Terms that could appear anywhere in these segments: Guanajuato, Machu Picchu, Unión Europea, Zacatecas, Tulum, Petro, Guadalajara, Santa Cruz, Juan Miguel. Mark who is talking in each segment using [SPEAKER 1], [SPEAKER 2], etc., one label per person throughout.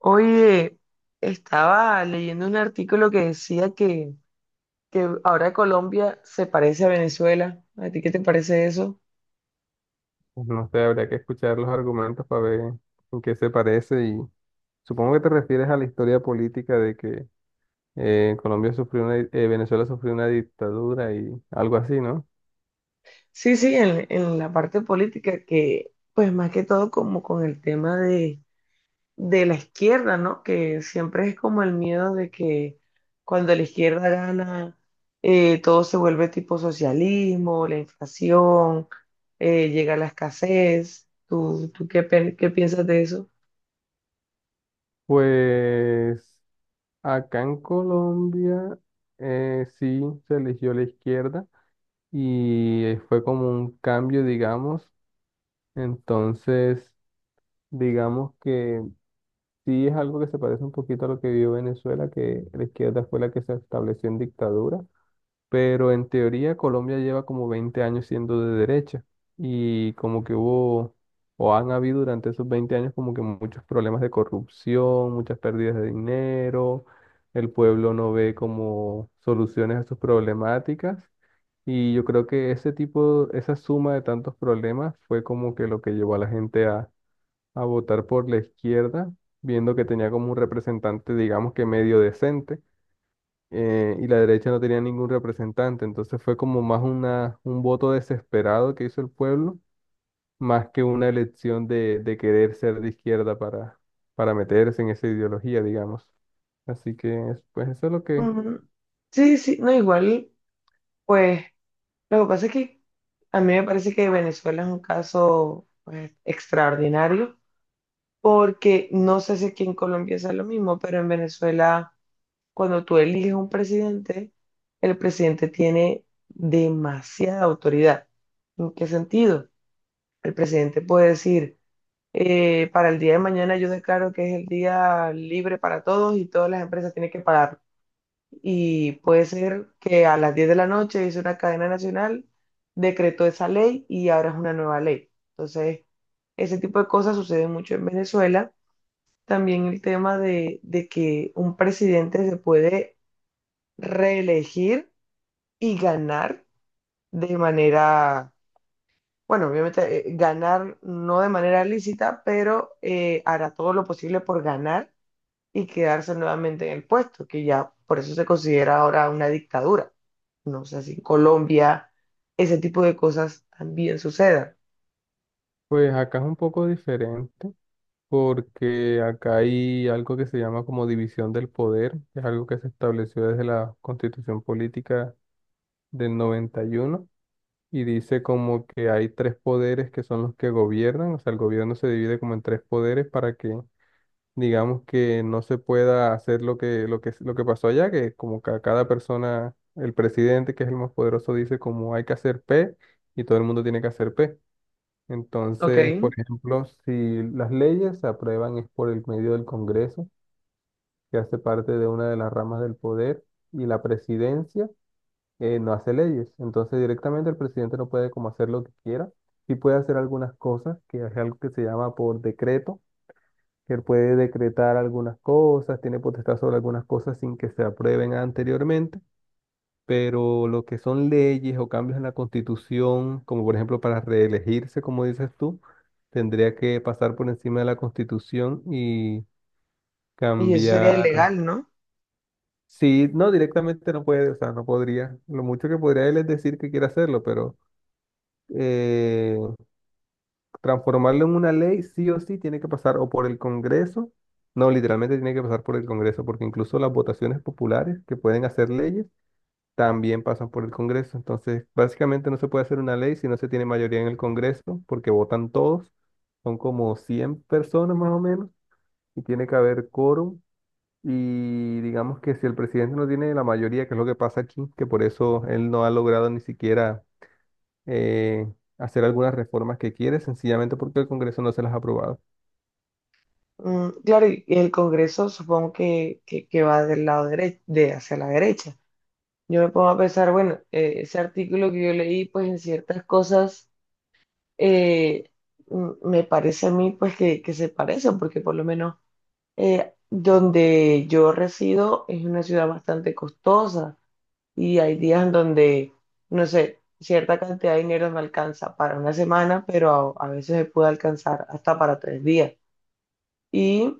[SPEAKER 1] Oye, estaba leyendo un artículo que decía que ahora Colombia se parece a Venezuela. ¿A ti qué te parece eso?
[SPEAKER 2] No sé, habría que escuchar los argumentos para ver en qué se parece, y supongo que te refieres a la historia política de que Colombia sufrió Venezuela sufrió una dictadura, y algo así, ¿no?
[SPEAKER 1] Sí, sí, en la parte política, que pues más que todo como con el tema de la izquierda, ¿no? Que siempre es como el miedo de que cuando la izquierda gana, todo se vuelve tipo socialismo, la inflación, llega la escasez. Qué piensas de eso?
[SPEAKER 2] Pues acá en Colombia, sí se eligió la izquierda, y fue como un cambio, digamos. Entonces, digamos que sí es algo que se parece un poquito a lo que vivió Venezuela, que la izquierda fue la que se estableció en dictadura, pero en teoría Colombia lleva como 20 años siendo de derecha, y como que hubo o han habido durante esos 20 años como que muchos problemas de corrupción, muchas pérdidas de dinero, el pueblo no ve como soluciones a sus problemáticas, y yo creo que ese tipo, esa suma de tantos problemas fue como que lo que llevó a la gente a votar por la izquierda, viendo que tenía como un representante, digamos que medio decente, y la derecha no tenía ningún representante. Entonces fue como más un voto desesperado que hizo el pueblo, más que una elección de querer ser de izquierda para meterse en esa ideología, digamos. Así que pues eso es lo que...
[SPEAKER 1] Mm. Sí, sí, no, igual, pues lo que pasa es que a mí me parece que Venezuela es un caso, pues, extraordinario, porque no sé si aquí en Colombia es lo mismo, pero en Venezuela, cuando tú eliges un presidente, el presidente tiene demasiada autoridad. ¿En qué sentido? El presidente puede decir, para el día de mañana yo declaro que es el día libre para todos y todas las empresas tienen que pagar, y puede ser que a las 10 de la noche hizo una cadena nacional, decretó esa ley y ahora es una nueva ley. Entonces, ese tipo de cosas sucede mucho en Venezuela. También el tema de que un presidente se puede reelegir y ganar de manera, bueno, obviamente ganar no de manera lícita, pero hará todo lo posible por ganar y quedarse nuevamente en el puesto, que ya por eso se considera ahora una dictadura. No sé si en Colombia ese tipo de cosas también sucedan.
[SPEAKER 2] Pues acá es un poco diferente, porque acá hay algo que se llama como división del poder, que es algo que se estableció desde la Constitución Política del 91, y dice como que hay tres poderes que son los que gobiernan, o sea, el gobierno se divide como en tres poderes para que digamos que no se pueda hacer lo que pasó allá, que como que a cada persona, el presidente, que es el más poderoso, dice como hay que hacer P, y todo el mundo tiene que hacer P.
[SPEAKER 1] ¿Ok?
[SPEAKER 2] Entonces, por ejemplo, si las leyes se aprueban es por el medio del Congreso, que hace parte de una de las ramas del poder, y la presidencia no hace leyes. Entonces directamente el presidente no puede como hacer lo que quiera. Sí puede hacer algunas cosas, que es algo que se llama por decreto, que él puede decretar algunas cosas, tiene potestad sobre algunas cosas sin que se aprueben anteriormente, pero lo que son leyes o cambios en la constitución, como por ejemplo para reelegirse, como dices tú, tendría que pasar por encima de la constitución y
[SPEAKER 1] Y eso sería
[SPEAKER 2] cambiar.
[SPEAKER 1] ilegal, ¿no?
[SPEAKER 2] Sí, no, directamente no puede, o sea, no podría. Lo mucho que podría él es decir que quiere hacerlo, pero eh, transformarlo en una ley, sí o sí, tiene que pasar o por el Congreso. No, literalmente tiene que pasar por el Congreso, porque incluso las votaciones populares que pueden hacer leyes también pasan por el Congreso. Entonces, básicamente no se puede hacer una ley si no se tiene mayoría en el Congreso, porque votan todos, son como 100 personas más o menos, y tiene que haber quórum. Y digamos que si el presidente no tiene la mayoría, que es lo que pasa aquí, que por eso él no ha logrado ni siquiera eh, hacer algunas reformas que quiere, sencillamente porque el Congreso no se las ha aprobado.
[SPEAKER 1] Mm, claro, y el Congreso supongo que va del lado derecho, de hacia la derecha. Yo me pongo a pensar, bueno, ese artículo que yo leí, pues en ciertas cosas, eh, me parece a mí, pues, que se parecen, porque por lo menos, eh, donde yo resido es una ciudad bastante costosa y hay días en donde, no sé, cierta cantidad de dinero me alcanza para una semana, pero a veces me puede alcanzar hasta para 3 días. Y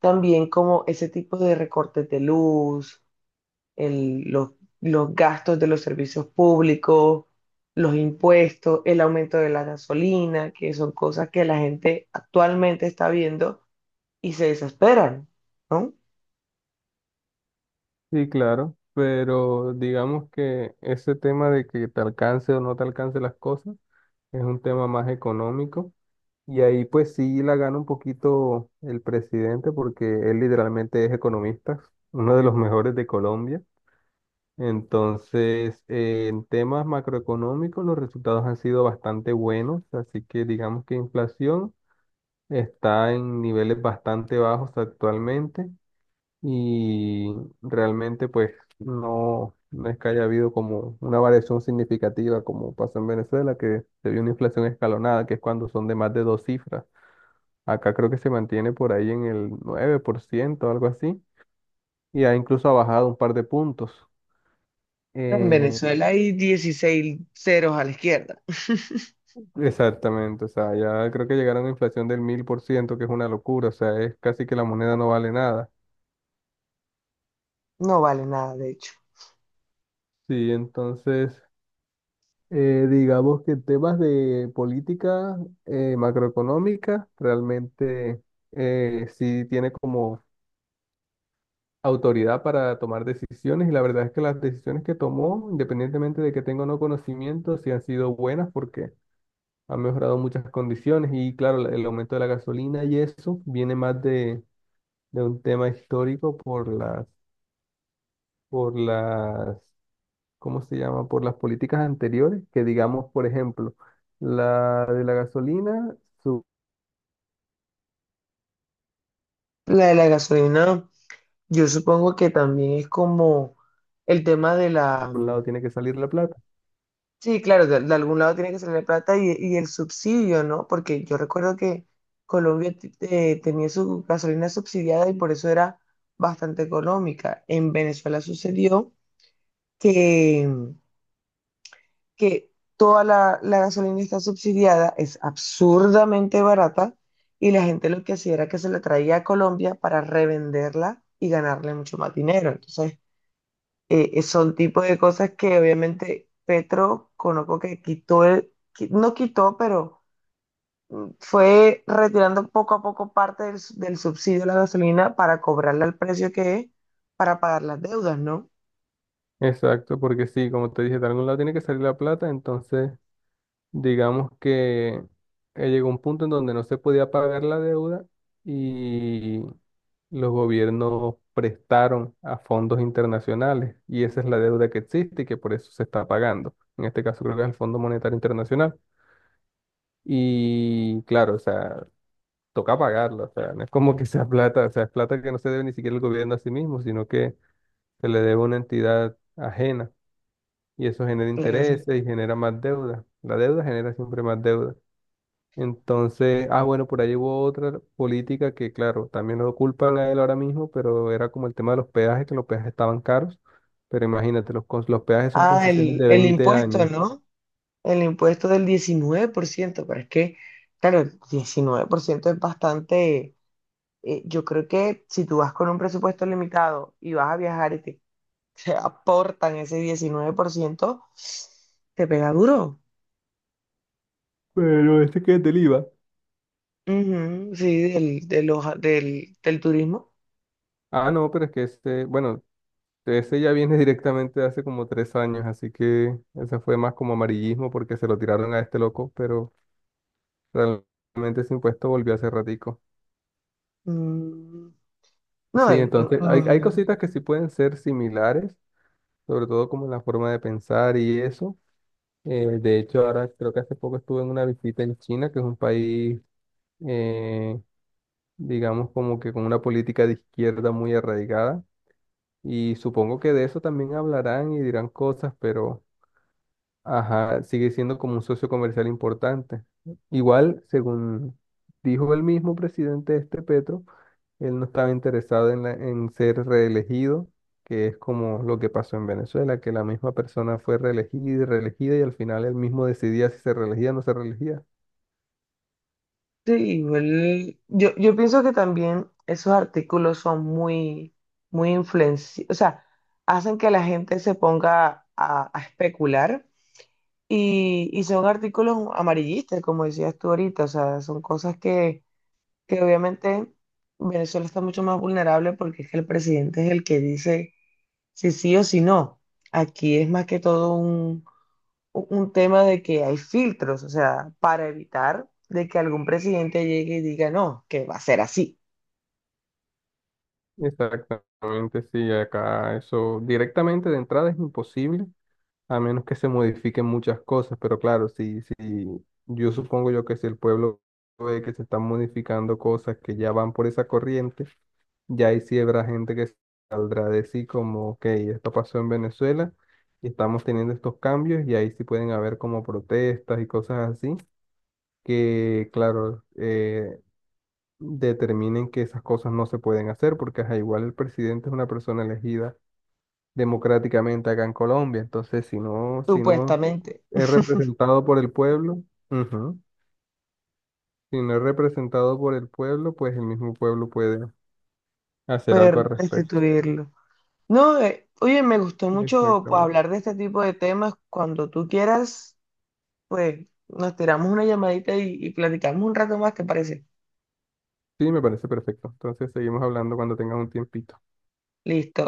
[SPEAKER 1] también como ese tipo de recortes de luz, el- los, los gastos de los servicios públicos, los impuestos, el aumento de la gasolina, que son cosas que la gente actualmente está viendo y se desesperan, ¿no?
[SPEAKER 2] Sí, claro, pero digamos que ese tema de que te alcance o no te alcance las cosas es un tema más económico, y ahí pues sí la gana un poquito el presidente, porque él literalmente es economista, uno de los mejores de Colombia. Entonces, en temas macroeconómicos los resultados han sido bastante buenos, así que digamos que inflación está en niveles bastante bajos actualmente, y realmente pues no, no es que haya habido como una variación significativa como pasó en Venezuela, que se vio una inflación escalonada, que es cuando son de más de dos cifras. Acá creo que se mantiene por ahí en el 9% o algo así, y ha incluso ha bajado un par de puntos.
[SPEAKER 1] En
[SPEAKER 2] Eh,
[SPEAKER 1] Venezuela hay 16 ceros a la izquierda.
[SPEAKER 2] Exactamente, o sea, ya creo que llegaron a una inflación del 1000%, que es una locura, o sea, es casi que la moneda no vale nada.
[SPEAKER 1] No vale nada, de hecho.
[SPEAKER 2] Sí, entonces digamos que en temas de política macroeconómica, realmente sí tiene como autoridad para tomar decisiones, y la verdad es que las decisiones que tomó, independientemente de que tenga o no conocimiento, sí han sido buenas, porque han mejorado muchas condiciones. Y claro, el aumento de la gasolina y eso viene más de un tema histórico por las, por las ¿cómo se llama? Por las políticas anteriores, que digamos, por ejemplo, la de la gasolina, su-
[SPEAKER 1] La de la gasolina, yo supongo que también es como el tema de la...
[SPEAKER 2] por un lado tiene que salir la plata.
[SPEAKER 1] Sí, claro, de algún lado tiene que salir la plata y el subsidio, ¿no? Porque yo recuerdo que Colombia tenía su gasolina subsidiada y por eso era bastante económica. En Venezuela sucedió que que toda la gasolina está subsidiada, es absurdamente barata, y la gente lo que hacía era que se la traía a Colombia para revenderla y ganarle mucho más dinero. Entonces, son tipo de cosas que obviamente Petro conozco que quitó, no quitó, pero fue retirando poco a poco parte del subsidio a la gasolina para cobrarla al precio que es, para pagar las deudas, ¿no?
[SPEAKER 2] Exacto, porque sí, como te dije, de algún lado tiene que salir la plata. Entonces digamos que llegó un punto en donde no se podía pagar la deuda, y los gobiernos prestaron a fondos internacionales, y esa es la deuda que existe y que por eso se está pagando. En este caso creo que es el Fondo Monetario Internacional. Y claro, o sea, toca pagarlo. O sea, no es como que sea plata, o sea, es plata que no se debe ni siquiera el gobierno a sí mismo, sino que se le debe a una entidad ajena, y eso genera
[SPEAKER 1] Claro.
[SPEAKER 2] intereses y genera más deuda. La deuda genera siempre más deuda. Entonces, ah, bueno, por ahí hubo otra política que, claro, también lo culpan a él ahora mismo, pero era como el tema de los peajes, que los peajes estaban caros, pero imagínate, los peajes son
[SPEAKER 1] Ah,
[SPEAKER 2] concesiones de
[SPEAKER 1] el
[SPEAKER 2] 20
[SPEAKER 1] impuesto,
[SPEAKER 2] años.
[SPEAKER 1] ¿no? El impuesto del 19%, pero es que, claro, el 19% es bastante, yo creo que si tú vas con un presupuesto limitado y vas a viajar y te aportan ese 19%, te pega duro.
[SPEAKER 2] Pero este que es del IVA.
[SPEAKER 1] Ujú, sí, del, de los- del, del turismo.
[SPEAKER 2] Ah, no, pero es que este, bueno, ese ya viene directamente de hace como 3 años, así que ese fue más como amarillismo porque se lo tiraron a este loco, pero realmente ese impuesto volvió hace ratico.
[SPEAKER 1] Mm, no,
[SPEAKER 2] Sí,
[SPEAKER 1] y-
[SPEAKER 2] entonces hay
[SPEAKER 1] ujú.
[SPEAKER 2] cositas que sí pueden ser similares, sobre todo como en la forma de pensar y eso. De hecho, ahora creo que hace poco estuve en una visita en China, que es un país, eh, digamos, como que con una política de izquierda muy arraigada. Y supongo que de eso también hablarán y dirán cosas, pero... Ajá, sigue siendo como un socio comercial importante. Igual, según dijo el mismo presidente este Petro, él no estaba interesado en ser reelegido, que es como lo que pasó en Venezuela, que la misma persona fue reelegida y reelegida, y al final él mismo decidía si se reelegía o no se reelegía.
[SPEAKER 1] Sí, igual, yo pienso que también esos artículos son muy, muy influenciados, o sea, hacen que la gente se ponga a especular, y son artículos amarillistas, como decías tú ahorita, o sea, son cosas que obviamente Venezuela está mucho más vulnerable porque es que el presidente es el que dice si sí o si no. Aquí es más que todo un tema de que hay filtros, o sea, para evitar de que algún presidente llegue y diga, no, que va a ser así,
[SPEAKER 2] Exactamente, sí, acá eso directamente de entrada es imposible. A menos que se modifiquen muchas cosas, pero claro, si yo supongo yo que si el pueblo ve que se están modificando cosas que ya van por esa corriente, ya ahí sí habrá gente que saldrá de sí como, ok, esto pasó en Venezuela y estamos teniendo estos cambios, y ahí sí pueden haber como protestas y cosas así, que claro, determinen que esas cosas no se pueden hacer, porque ajá, igual el presidente es una persona elegida democráticamente acá en Colombia, entonces si no
[SPEAKER 1] supuestamente,
[SPEAKER 2] es representado por el pueblo. Ujú. Si no es representado por el pueblo, pues el mismo pueblo puede hacer algo
[SPEAKER 1] poder
[SPEAKER 2] al respecto.
[SPEAKER 1] destituirlo. No, oye, me gustó mucho, pues,
[SPEAKER 2] Exactamente.
[SPEAKER 1] hablar de este tipo de temas. Cuando tú quieras, pues nos tiramos una llamadita y platicamos un rato más, ¿te parece?
[SPEAKER 2] Sí, me parece perfecto. Entonces seguimos hablando cuando tengas un tiempito.
[SPEAKER 1] Listo.